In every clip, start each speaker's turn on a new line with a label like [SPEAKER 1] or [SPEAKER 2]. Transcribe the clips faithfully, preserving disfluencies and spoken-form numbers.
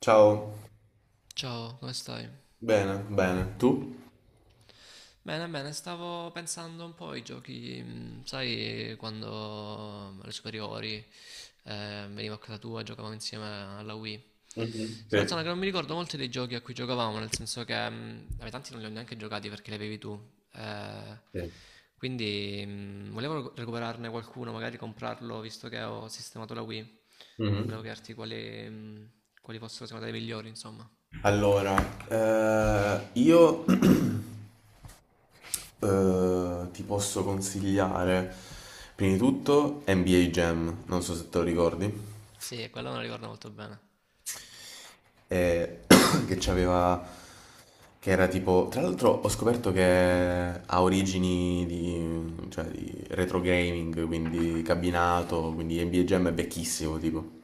[SPEAKER 1] Ciao,
[SPEAKER 2] Ciao, come stai?
[SPEAKER 1] bene, bene. Tu?
[SPEAKER 2] Bene, bene, stavo pensando un po' ai giochi, mm, sai, quando alle superiori eh, venivo a casa tua e giocavamo insieme alla Wii.
[SPEAKER 1] Mhm,
[SPEAKER 2] Sto
[SPEAKER 1] sì,
[SPEAKER 2] pensando che non mi ricordo molti dei giochi a cui giocavamo, nel senso che mm, vabbè, tanti non li ho neanche giocati perché li avevi tu. eh,
[SPEAKER 1] sì.
[SPEAKER 2] quindi mm, volevo recu- recuperarne qualcuno, magari comprarlo, visto che ho sistemato la Wii. Volevo
[SPEAKER 1] Mhm.
[SPEAKER 2] chiederti quali, mm, quali fossero secondo te i migliori, insomma.
[SPEAKER 1] Allora, eh, io eh, ti posso consigliare, prima di tutto, N B A Jam, non so se te lo ricordi,
[SPEAKER 2] Sì, quello me lo ricordo molto bene.
[SPEAKER 1] eh, che c'aveva, che era tipo, tra l'altro ho scoperto che ha origini di, cioè, di retro gaming, quindi cabinato, quindi N B A Jam è vecchissimo, tipo.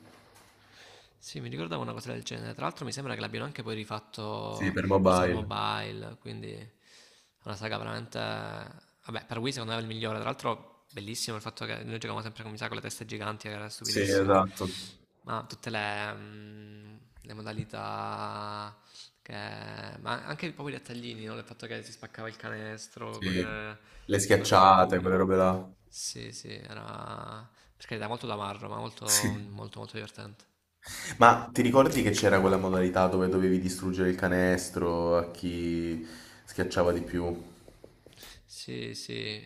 [SPEAKER 2] Sì, mi ricordavo una cosa del genere. Tra l'altro mi sembra che l'abbiano anche poi
[SPEAKER 1] Sì,
[SPEAKER 2] rifatto,
[SPEAKER 1] per
[SPEAKER 2] forse per
[SPEAKER 1] mobile.
[SPEAKER 2] mobile, quindi è una saga veramente... Vabbè, per Wii secondo me è il migliore. Tra l'altro bellissimo il fatto che noi giocavamo sempre con, mi sa, con le teste giganti, che era
[SPEAKER 1] Sì,
[SPEAKER 2] stupidissimo.
[SPEAKER 1] esatto.
[SPEAKER 2] Ma tutte le, mm, le modalità... Che... Ma anche proprio i dettaglini, no? Il fatto che si spaccava il canestro,
[SPEAKER 1] Sì.
[SPEAKER 2] quelle...
[SPEAKER 1] Le
[SPEAKER 2] le cose col
[SPEAKER 1] schiacciate,
[SPEAKER 2] pubblico.
[SPEAKER 1] quelle robe là.
[SPEAKER 2] Sì, sì, era... Per carità, molto da marro, ma molto,
[SPEAKER 1] Sì.
[SPEAKER 2] molto, molto divertente.
[SPEAKER 1] Ma ti ricordi che c'era quella modalità dove dovevi distruggere il canestro a chi schiacciava di più?
[SPEAKER 2] Sì, sì.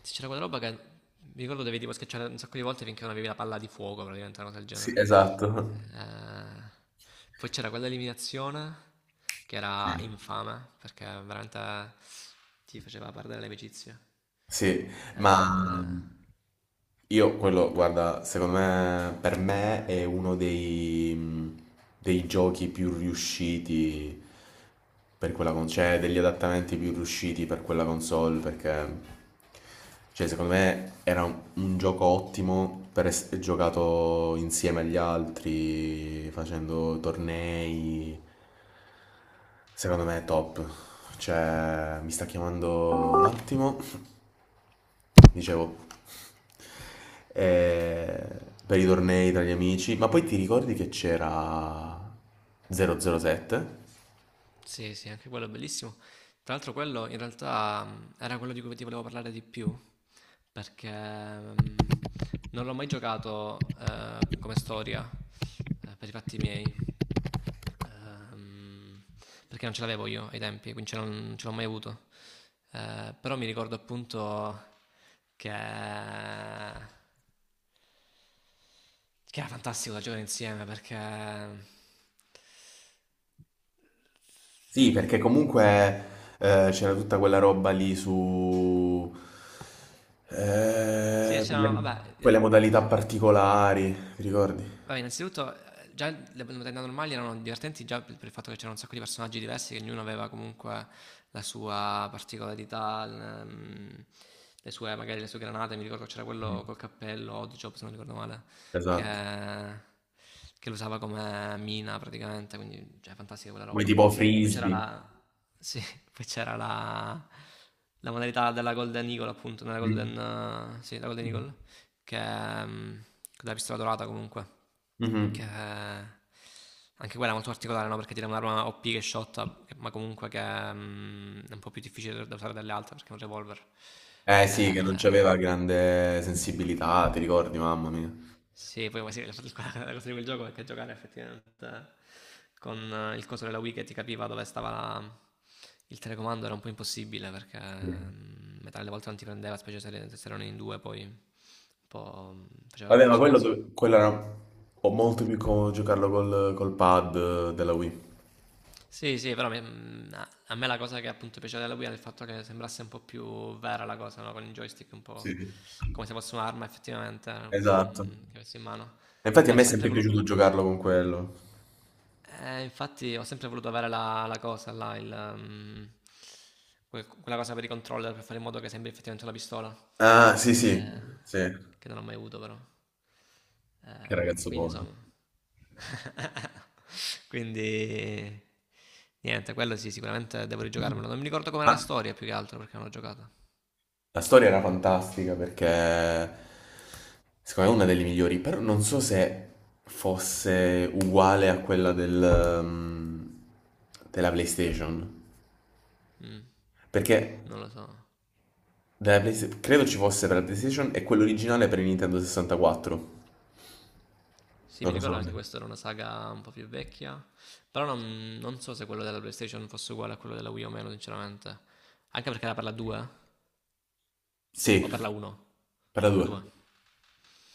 [SPEAKER 2] Sì, c'era quella roba che mi ricordo dovevi tipo schiacciare un sacco di volte finché non avevi la palla di fuoco, praticamente una cosa del
[SPEAKER 1] Sì,
[SPEAKER 2] genere.
[SPEAKER 1] esatto.
[SPEAKER 2] Eh, poi c'era quella eliminazione che
[SPEAKER 1] Sì.
[SPEAKER 2] era infame perché veramente ti faceva perdere l'amicizia.
[SPEAKER 1] Sì, ma
[SPEAKER 2] Eh,
[SPEAKER 1] mhmm, io quello, guarda, secondo me, per me è uno dei, mhmm, dei giochi più riusciti per quella console, cioè degli adattamenti più riusciti per quella console, perché, cioè, secondo me era un, un gioco ottimo per essere giocato insieme agli altri, facendo tornei. Secondo me è top. Cioè, mi sta chiamando un attimo, dicevo, eh, per i tornei tra gli amici, ma poi ti ricordi che c'era zero zero sette?
[SPEAKER 2] sì, sì, anche quello è bellissimo. Tra l'altro quello in realtà mh, era quello di cui ti volevo parlare di più perché mh, non l'ho mai giocato eh, come storia eh, per i fatti miei, ehm, perché non ce l'avevo io ai tempi, quindi ce l'ho- non ce l'ho mai avuto. Eh, però mi ricordo appunto che, che era fantastico da giocare insieme perché
[SPEAKER 1] Sì, perché comunque eh, c'era tutta quella roba lì su,
[SPEAKER 2] sì,
[SPEAKER 1] eh, quelle,
[SPEAKER 2] c'erano, vabbè, eh,
[SPEAKER 1] quelle modalità particolari, ti ricordi?
[SPEAKER 2] vabbè, innanzitutto eh, già le modalità normali erano divertenti già per per il fatto che c'erano un sacco di personaggi diversi, che ognuno aveva comunque la sua particolarità, l- ehm, le sue, magari le sue granate. Mi ricordo c'era
[SPEAKER 1] Mm.
[SPEAKER 2] quello col cappello, Oddjob, se non ricordo male, che,
[SPEAKER 1] Esatto.
[SPEAKER 2] che lo usava come mina praticamente, quindi cioè, fantastica quella
[SPEAKER 1] Poi
[SPEAKER 2] roba.
[SPEAKER 1] tipo
[SPEAKER 2] Poi c'era
[SPEAKER 1] frisbee.
[SPEAKER 2] la... Sì, poi c'era la... La modalità della Golden Eagle, appunto, nella
[SPEAKER 1] Mm.
[SPEAKER 2] Golden... eh, sì, la Golden Eagle che è, mm, della pistola dorata comunque, che
[SPEAKER 1] Mhm.
[SPEAKER 2] è- anche quella è molto particolare, no? Perché tira un'arma O P che shotta, che- ma comunque che mm, è un po' più difficile da usare dalle altre perché è un revolver.
[SPEAKER 1] Eh sì, che non
[SPEAKER 2] Eh,
[SPEAKER 1] c'aveva grande sensibilità, ti ricordi, mamma mia.
[SPEAKER 2] sì, poi sì, la la cosa di quel gioco è che giocare effettivamente con eh, il coso della Wii che ti capiva dove stava la- il telecomando era un po' impossibile perché
[SPEAKER 1] Sì.
[SPEAKER 2] mm, metà delle volte non ti prendeva, specie se, se erano in due, poi un po' mm, faceva
[SPEAKER 1] Vabbè, ma
[SPEAKER 2] confusione,
[SPEAKER 1] quello, dove-
[SPEAKER 2] insomma.
[SPEAKER 1] quello era ho molto più comodo giocarlo col, col pad eh, della Wii.
[SPEAKER 2] Sì, sì, però me- mh, a a me la cosa che appunto piaceva della Wii era il fatto che sembrasse un po' più vera la cosa, no? Con il joystick un po'
[SPEAKER 1] Sì.
[SPEAKER 2] come se fosse un'arma effettivamente,
[SPEAKER 1] Esatto.
[SPEAKER 2] mm, che avessi in mano.
[SPEAKER 1] E infatti a me
[SPEAKER 2] Infatti
[SPEAKER 1] è
[SPEAKER 2] ho sempre
[SPEAKER 1] sempre piaciuto
[SPEAKER 2] volu-
[SPEAKER 1] giocarlo con quello.
[SPEAKER 2] eh, infatti ho sempre voluto avere la, la cosa là, il, ehm, que- quella cosa per i controller per fare in modo che sembri effettivamente una pistola,
[SPEAKER 1] Ah, sì, sì,
[SPEAKER 2] eh,
[SPEAKER 1] sì. Che
[SPEAKER 2] che non ho mai avuto però. Eh,
[SPEAKER 1] ragazzo
[SPEAKER 2] quindi
[SPEAKER 1] povero.
[SPEAKER 2] insomma, quindi niente, quello sì, sicuramente devo rigiocarmelo. Non mi ricordo com'era
[SPEAKER 1] Ma
[SPEAKER 2] la storia più che altro perché non l'ho giocata.
[SPEAKER 1] la storia era fantastica perché secondo me è una delle migliori, però non so se fosse uguale a quella del, um, della PlayStation.
[SPEAKER 2] Mm,
[SPEAKER 1] Perché
[SPEAKER 2] non lo so.
[SPEAKER 1] Della Playsta- credo ci fosse per la PlayStation e quello originale per il Nintendo sessantaquattro.
[SPEAKER 2] Sì,
[SPEAKER 1] Non
[SPEAKER 2] mi
[SPEAKER 1] lo so.
[SPEAKER 2] ricordo
[SPEAKER 1] la
[SPEAKER 2] che
[SPEAKER 1] me-
[SPEAKER 2] anche questa era una saga un po' più vecchia, però non, non so se quello della PlayStation fosse uguale a quello della Wii o meno, sinceramente. Anche perché era per la due o
[SPEAKER 1] Sì,
[SPEAKER 2] per la uno?
[SPEAKER 1] per la
[SPEAKER 2] La
[SPEAKER 1] due.
[SPEAKER 2] due.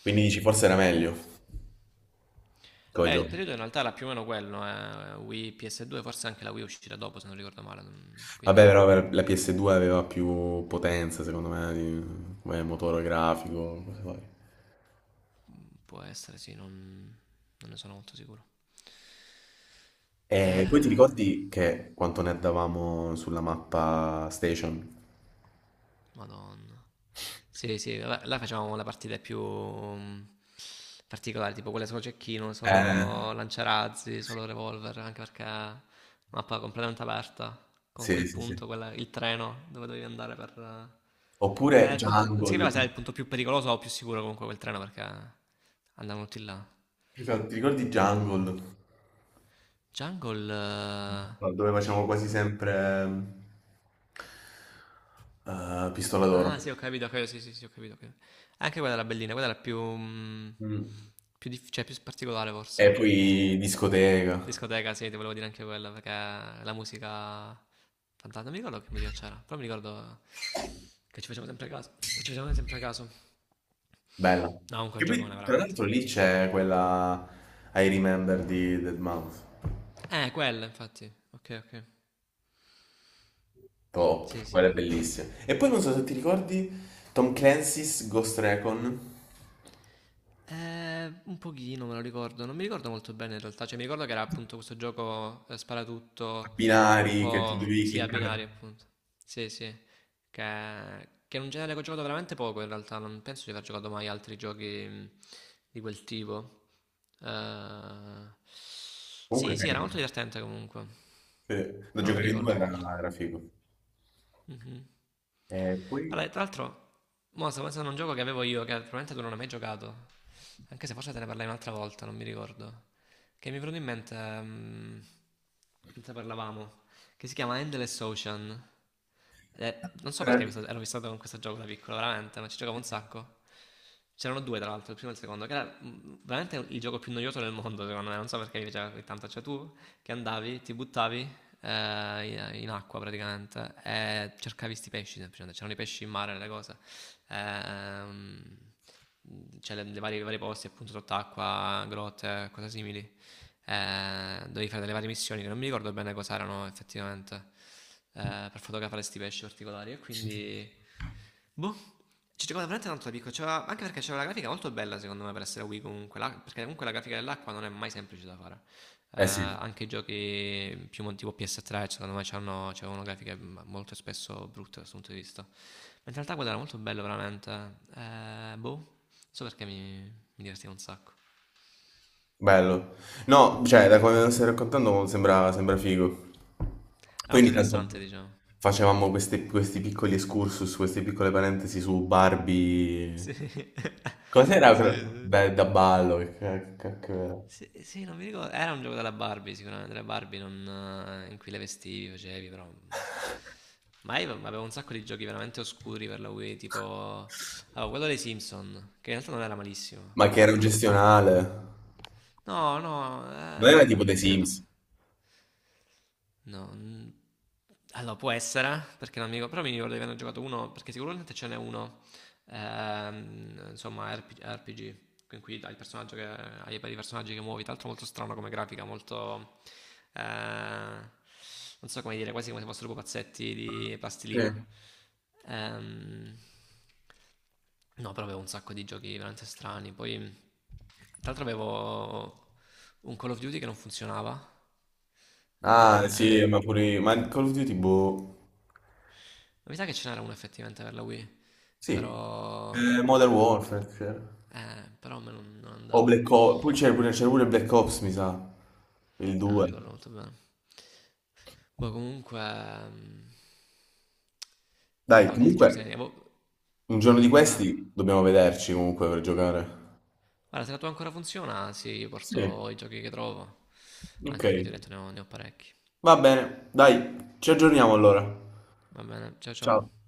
[SPEAKER 1] Quindi dici forse era meglio come
[SPEAKER 2] Beh, il
[SPEAKER 1] gioco.
[SPEAKER 2] periodo in realtà era più o meno quello, eh. Wii P S due, forse anche la Wii uscirà dopo, se non ricordo male, non-
[SPEAKER 1] Vabbè,
[SPEAKER 2] quindi
[SPEAKER 1] però per la P S due aveva più potenza, secondo me, di- come motore grafico, cose varie.
[SPEAKER 2] mm, può essere, sì, non, non ne sono molto sicuro.
[SPEAKER 1] E poi ti
[SPEAKER 2] Eh...
[SPEAKER 1] ricordi che quanto ne davamo sulla mappa Station?
[SPEAKER 2] Madonna. Sì, sì, vabbè, là facevamo le partite più mm, particolari, tipo quelle solo cecchino,
[SPEAKER 1] Eh,
[SPEAKER 2] solo lanciarazzi, solo revolver, anche perché mappa completamente aperta, con
[SPEAKER 1] sì,
[SPEAKER 2] quel
[SPEAKER 1] sì, sì.
[SPEAKER 2] punto, quella- il treno dove dovevi andare per... eh, che
[SPEAKER 1] Oppure
[SPEAKER 2] era il punto, non si
[SPEAKER 1] Jungle.
[SPEAKER 2] capiva se era il punto più pericoloso o più sicuro comunque quel treno perché andavano tutti là.
[SPEAKER 1] Esatto, ti ricordi Jungle?
[SPEAKER 2] Jungle... eh,
[SPEAKER 1] No, dove facciamo quasi sempre eh, Pistola d'Oro.
[SPEAKER 2] ah sì, ho capito, ho capito, sì, sì, sì, ho capito, ho capito. Anche quella era bellina, quella era più... mm,
[SPEAKER 1] Mm.
[SPEAKER 2] più, dif- cioè, più particolare
[SPEAKER 1] E
[SPEAKER 2] forse.
[SPEAKER 1] poi discoteca,
[SPEAKER 2] Discoteca, sì, ti volevo dire anche quella, perché la musica... Fantastica, non mi ricordo che musica c'era, però mi ricordo che ci facevamo sempre caso. Che ci facevamo sempre caso.
[SPEAKER 1] bella.
[SPEAKER 2] No, comunque è
[SPEAKER 1] Che
[SPEAKER 2] un giocone,
[SPEAKER 1] poi, tra
[SPEAKER 2] veramente.
[SPEAKER 1] l'altro, lì c'è quella I Remember di dead mouse,
[SPEAKER 2] Eh, quella, infatti. Ok, ok.
[SPEAKER 1] top,
[SPEAKER 2] Sì, sì.
[SPEAKER 1] quella è bellissima. E poi non so se ti ricordi Tom Clancy's Ghost Recon,
[SPEAKER 2] Ehm, un pochino me lo ricordo, non mi ricordo molto bene in realtà, cioè mi ricordo che era appunto questo gioco eh,
[SPEAKER 1] a
[SPEAKER 2] sparatutto, un
[SPEAKER 1] binari che tu
[SPEAKER 2] po'
[SPEAKER 1] devi
[SPEAKER 2] sì, a binari
[SPEAKER 1] cliccare.
[SPEAKER 2] appunto, sì sì, che, che è un genere che ho giocato veramente poco in realtà, non penso di aver giocato mai altri giochi mh, di quel tipo. Eh,
[SPEAKER 1] Comunque
[SPEAKER 2] sì
[SPEAKER 1] è
[SPEAKER 2] sì, era
[SPEAKER 1] carino.
[SPEAKER 2] molto divertente comunque,
[SPEAKER 1] Sì, da
[SPEAKER 2] però non mi
[SPEAKER 1] giocare in due
[SPEAKER 2] ricordo molto.
[SPEAKER 1] era, era figo.
[SPEAKER 2] Mhm.
[SPEAKER 1] E poi...
[SPEAKER 2] Allora, tra l'altro, mo sto pensando a un gioco che avevo io, che probabilmente tu non hai mai giocato, anche se forse te ne parlai un'altra volta, non mi ricordo, che mi è venuto in mente, mm, mentre parlavamo, che si chiama Endless Ocean. Eh, non so
[SPEAKER 1] Eh
[SPEAKER 2] perché questo- ero fissato con questo gioco da piccolo, veramente, non ci giocavo un sacco. C'erano due, tra l'altro, il primo e il secondo, che era mh, veramente il gioco più noioso del mondo, secondo me. Non so perché mi piaceva così tanto. Cioè, tu che andavi, ti buttavi eh, in in acqua praticamente e cercavi sti pesci semplicemente. C'erano i pesci in mare, le cose ehm, cioè le, le varie, i vari posti appunto sott'acqua, grotte, cose simili, eh, dovevi fare delle varie missioni che non mi ricordo bene cosa erano effettivamente eh, per fotografare questi pesci particolari e quindi boh, ci giocavo veramente tanto da piccolo, c'era- anche perché c'era una grafica molto bella secondo me per essere Wii comunque, la- perché comunque la grafica dell'acqua non è mai semplice da fare. Eh,
[SPEAKER 1] eh sì.
[SPEAKER 2] anche i giochi più mon- tipo P S tre secondo me c'hanno, c'avevano grafiche m- molto spesso brutte da questo punto di vista. Mentre in realtà quello era molto bello veramente. Eh, boh, non so perché mi, mi divertiva un sacco.
[SPEAKER 1] Bello. No, cioè, da come lo stai raccontando sembra, sembra figo.
[SPEAKER 2] Era
[SPEAKER 1] Poi
[SPEAKER 2] molto
[SPEAKER 1] ogni tanto
[SPEAKER 2] rilassante diciamo.
[SPEAKER 1] facevamo queste- questi piccoli excursus, queste piccole parentesi su Barbie.
[SPEAKER 2] Sì, sì,
[SPEAKER 1] Cos'era? quella-
[SPEAKER 2] sì.
[SPEAKER 1] Beh, da ballo, che ca- che cacchio era?
[SPEAKER 2] Sì, sì, non mi ricordo. Era un gioco della Barbie, sicuramente. Della Barbie non, eh, in cui le vestivi, facevi, però. Mm. Ma io avevo un sacco di giochi veramente oscuri per la Wii, tipo. Avevo quello dei Simpson, che in realtà non era malissimo,
[SPEAKER 1] Ma che
[SPEAKER 2] però
[SPEAKER 1] era
[SPEAKER 2] vabbè.
[SPEAKER 1] gestionale.
[SPEAKER 2] No, no,
[SPEAKER 1] Non era tipo The
[SPEAKER 2] ehm, credo.
[SPEAKER 1] Sims.
[SPEAKER 2] No. n- Allora, può essere, perché non mi ricordo, però mi ricordo di averne giocato uno, perché sicuramente ce n'è uno, ehm, insomma, RP- R P G, in cui hai il personaggio che, hai i vari personaggi che muovi, tra l'altro molto strano come grafica, molto, eh, non so come dire, quasi come se fossero pupazzetti di
[SPEAKER 1] Sì.
[SPEAKER 2] plastilina. Ehm, no, però avevo un sacco di giochi veramente strani, poi, tra l'altro avevo un Call of Duty che non funzionava,
[SPEAKER 1] Ah,
[SPEAKER 2] eh,
[SPEAKER 1] sì, ma pure... Ma Call of Duty, boh...
[SPEAKER 2] mi sa che ce n'era una effettivamente per la Wii,
[SPEAKER 1] Sì.
[SPEAKER 2] però...
[SPEAKER 1] Eh, Modern
[SPEAKER 2] mm,
[SPEAKER 1] Warfare c'era.
[SPEAKER 2] eh, però a me non, non
[SPEAKER 1] O
[SPEAKER 2] andava.
[SPEAKER 1] Black Ops... Poi c'era pure, c'era pure Black Ops, mi sa. Il
[SPEAKER 2] Eh, non
[SPEAKER 1] due.
[SPEAKER 2] ricordo molto bene. Boh, comunque... mm, no,
[SPEAKER 1] Dai,
[SPEAKER 2] boh, tanti giochi se ne...
[SPEAKER 1] comunque,
[SPEAKER 2] boh,
[SPEAKER 1] un giorno di
[SPEAKER 2] eh.
[SPEAKER 1] questi dobbiamo vederci comunque per giocare.
[SPEAKER 2] Guarda, se la tua ancora funziona, sì, io
[SPEAKER 1] Sì,
[SPEAKER 2] porto i giochi che trovo.
[SPEAKER 1] ok.
[SPEAKER 2] Anche perché ti ho detto ne ho, ne ho parecchi.
[SPEAKER 1] Va bene, dai, ci aggiorniamo allora.
[SPEAKER 2] Va bene, ciao
[SPEAKER 1] Ciao.
[SPEAKER 2] ciao.